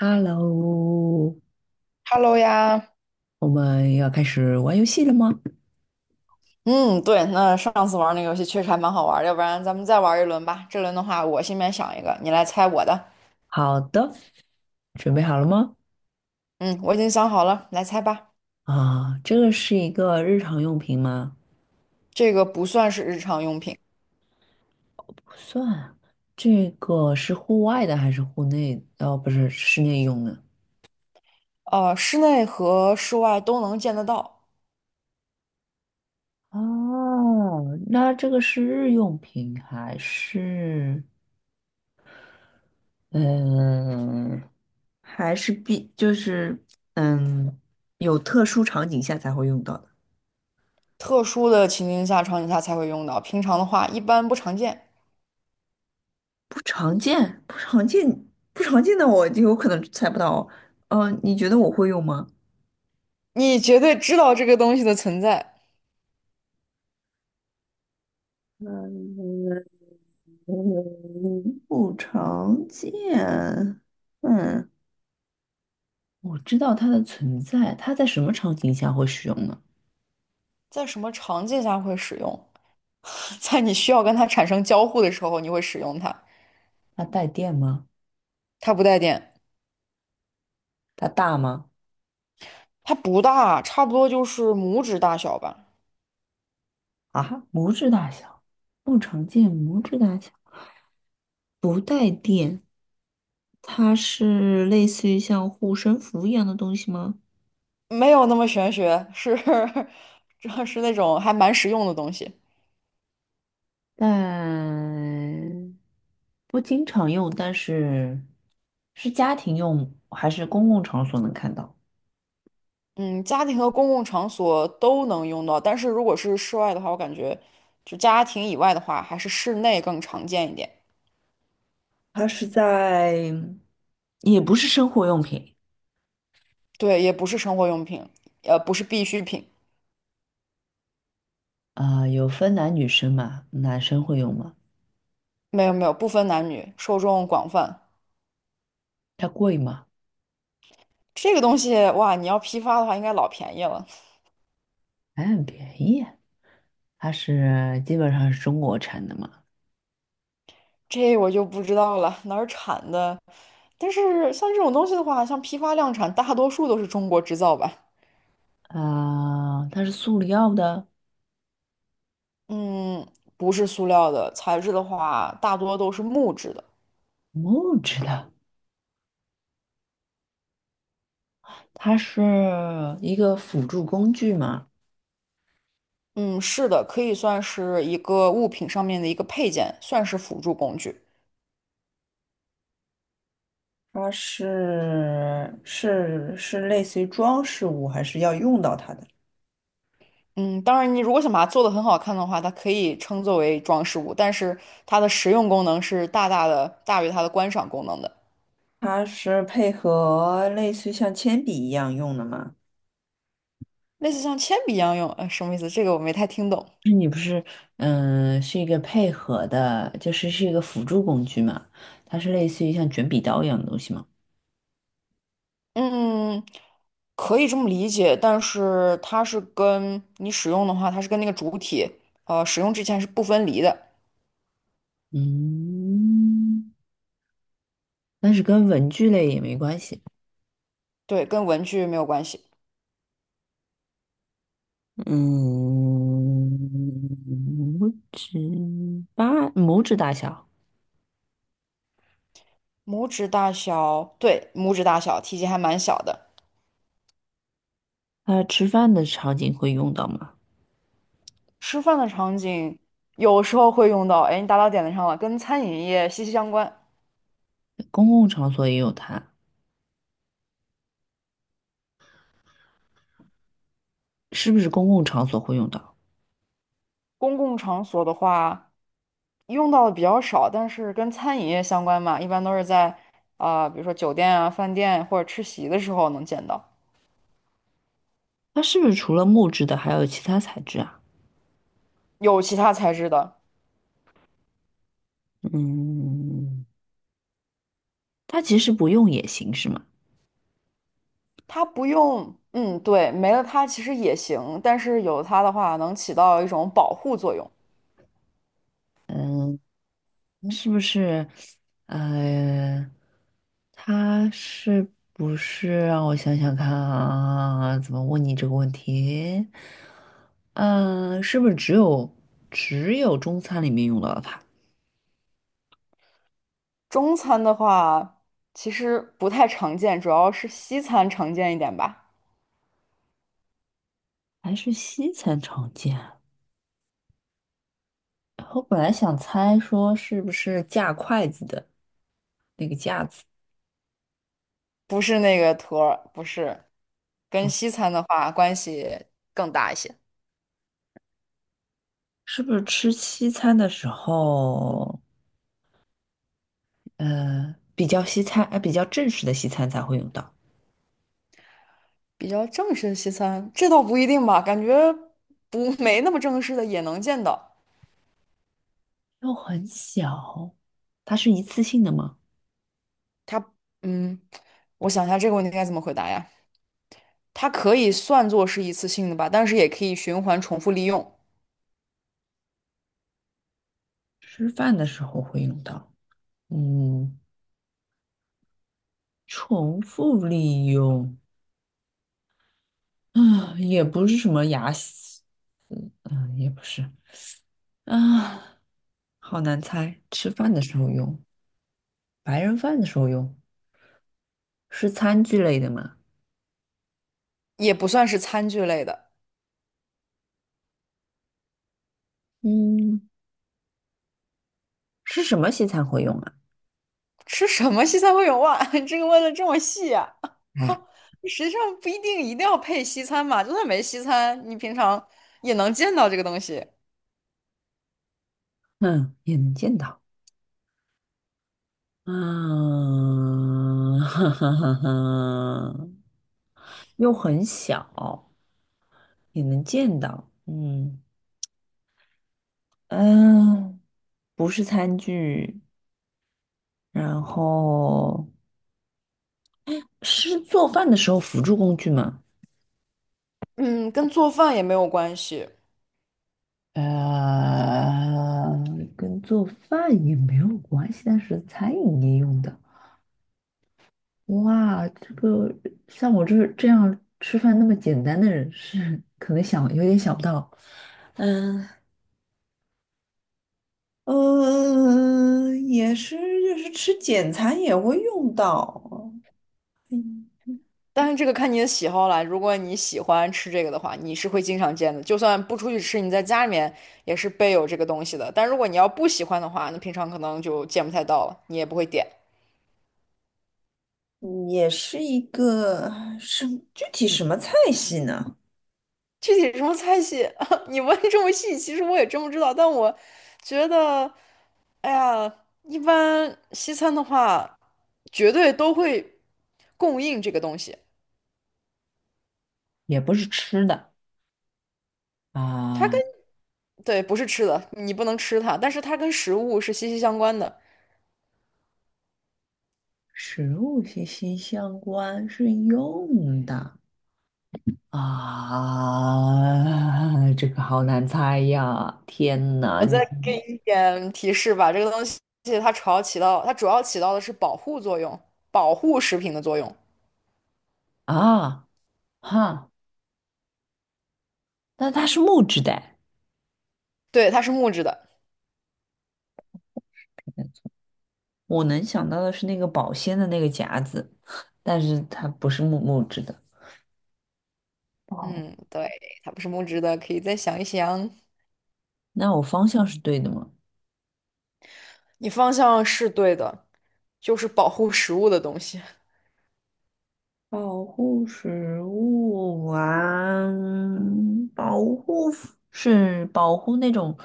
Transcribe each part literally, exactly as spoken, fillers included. Hello，Hello 呀，我们要开始玩游戏了吗？嗯，对，那上次玩那个游戏确实还蛮好玩儿，要不然咱们再玩一轮吧。这轮的话，我心里面想一个，你来猜我的。好的，准备好了吗？嗯，我已经想好了，来猜吧。啊，这个是一个日常用品吗？这个不算是日常用品，不算，这个是户外的还是户内？哦，不是，室内用的。呃，室内和室外都能见得到，哦，那这个是日用品还是嗯，还是必就是嗯，有特殊场景下才会用到的。特殊的情境下、场景下才会用到，平常的话一般不常见。不常见，不常见，不常见的我就有可能猜不到。呃，你觉得我会用吗？你绝对知道这个东西的存在，嗯，嗯，不常见。嗯，我知道它的存在，它在什么场景下会使用呢？在什么场景下会使用？在你需要跟它产生交互的时候，你会使用它。它带电吗？它不带电。它大吗？它不大，差不多就是拇指大小吧，啊，拇指大小，不常见，拇指大小，不带电。它是类似于像护身符一样的东西吗？没有那么玄学，是 这是那种还蛮实用的东西。但不经常用，但是是家庭用还是公共场所能看到？嗯，家庭和公共场所都能用到，但是如果是室外的话，我感觉就家庭以外的话，还是室内更常见一点。它是在，也不是生活用品对，也不是生活用品，呃，不是必需品，啊，有分男女生嘛，男生会用吗？没有没有，不分男女，受众广泛。它贵吗？这个东西哇，你要批发的话，应该老便宜了，还很便宜啊，它是基本上是中国产的嘛，这我就不知道了，哪儿产的？但是像这种东西的话，像批发量产，大多数都是中国制造吧。啊，它是塑料的，嗯，不是塑料的，材质的话，大多都是木质的。木质的，它是一个辅助工具嘛。嗯，是的，可以算是一个物品上面的一个配件，算是辅助工具。它是是是类似于装饰物，还是要用到它的？嗯，当然，你如果想把它做得很好看的话，它可以称作为装饰物，但是它的实用功能是大大的大于它的观赏功能的。它是配合类似于像铅笔一样用的吗？类似像铅笔一样用，呃，什么意思？这个我没太听懂。你不是，嗯，是一个配合的，就是是一个辅助工具嘛，它是类似于像卷笔刀一样的东西嘛。嗯，可以这么理解，但是它是跟你使用的话，它是跟那个主体，呃，使用之前是不分离的，嗯，但是跟文具类也没关系。对，跟文具没有关系。嗯，拇指八拇指大小，拇指大小，对，拇指大小，体积还蛮小的。它吃饭的场景会用到吗？吃饭的场景有时候会用到，哎，你打到点子上了，跟餐饮业息息相关。公共场所也有它，是不是公共场所会用到？公共场所的话，用到的比较少，但是跟餐饮业相关嘛，一般都是在啊、比如说酒店啊、饭店或者吃席的时候能见到。它是不是除了木质的还有其他材质啊？有其他材质的。嗯，它其实不用也行是吗？它不用，嗯，对，没了它其实也行，但是有它的话能起到一种保护作用。嗯，那是不是？呃，它是不是让我想想看啊？怎么问你这个问题？嗯，是不是只有只有中餐里面用到它，中餐的话其实不太常见，主要是西餐常见一点吧，还是西餐常见啊？我本来想猜说是不是架筷子的。那个架子，不是那个托儿，不是，跟西餐的话关系更大一些。是不是吃西餐的时候，呃，比较西餐，呃，比较正式的西餐才会用到？比较正式的西餐，这倒不一定吧，感觉不 没那么正式的也能见到。又很小，它是一次性的吗？它，嗯，我想一下这个问题该怎么回答呀？它可以算作是一次性的吧，但是也可以循环重复利用。吃饭的时候会用到，嗯，重复利用，啊，也不是什么牙洗嗯嗯，也不是，啊，好难猜，吃饭的时候用，白人饭的时候用，是餐具类的吗？也不算是餐具类的。嗯，是什么西餐会用啊？吃什么西餐会有袜？这个问的这么细啊？哎。实际上不一定一定要配西餐嘛，就算没西餐，你平常也能见到这个东西。嗯，也能见到。啊，哈哈哈哈，又很小，也能见到。嗯嗯，不是餐具，然后是做饭的时候辅助工具吗？嗯，跟做饭也没有关系，呃，跟做饭也没有关系，但是餐饮业用的。哇，这个像我这这样吃饭那么简单的人是可能想有点想不到。嗯，嗯，也是，就是吃简餐也会用到，嗯，但是这个看你的喜好啦。如果你喜欢吃这个的话，你是会经常见的，就算不出去吃，你在家里面也是备有这个东西的。但如果你要不喜欢的话，那平常可能就见不太到了，你也不会点。也是一个什具体什么菜系呢？具体什么菜系，你问这么细，其实我也真不知道，但我觉得。哎呀，一般西餐的话，绝对都会供应这个东西。也不是吃的它啊，跟，对，不是吃的，你不能吃它，但是它跟食物是息息相关的。食物息息相关，是用的。啊，这个好难猜呀！天哪，我你再给你一点提示吧，这个东西它主要起到，它主要起到的是保护作用，保护食品的作用。啊哈，那它是木质的，对，它是木质的。我能想到的是那个保鲜的那个夹子，但是它不是木木质的。哦，嗯，对，它不是木质的，可以再想一想。那我方向是对的吗？你方向是对的，就是保护食物的东西。保护食物啊，保护是保护那种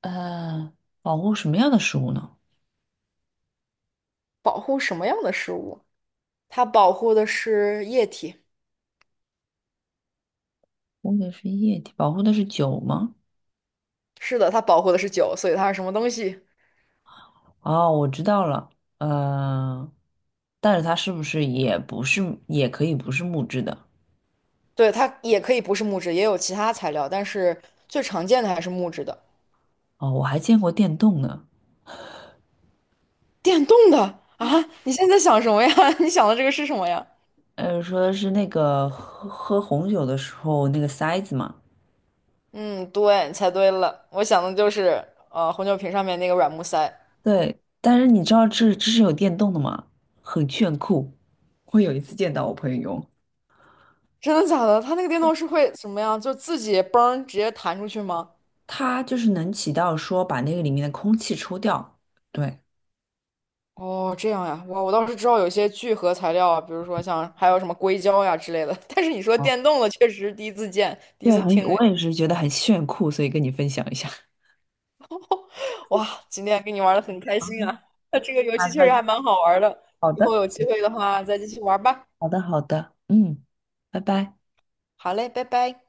呃，保护什么样的食物呢？保护什么样的食物？它保护的是液体。保护的是液体，保护的是酒吗？是的，它保护的是酒，所以它是什么东西？哦，我知道了，呃，但是它是不是也不是，也可以不是木质的？对，它也可以不是木质，也有其他材料，但是最常见的还是木质的。哦，我还见过电动呢。电动的啊？你现在想什么呀？你想的这个是什么呀？呃，说是那个喝喝红酒的时候那个塞子嘛，嗯，对，猜对了，我想的就是呃红酒瓶上面那个软木塞。对，但是你知道这这是有电动的吗？很炫酷。我有一次见到我朋友用，真的假的？它那个电动是会什么呀？就自己嘣直接弹出去吗？它就是能起到说把那个里面的空气抽掉。对，哦，这样呀，哇，我倒是知道有一些聚合材料啊，比如说像还有什么硅胶呀之类的，但是你说哦，电动的，确实第一次见，第一对，次很，听哎我也是觉得很炫酷，所以跟你分享一下。哇，今天跟你玩的很开心啊！那这个 游好戏确实的，还蛮好玩的，好以后的，有机会的话再继续玩吧。好的，好的，嗯，拜拜。好嘞，拜拜。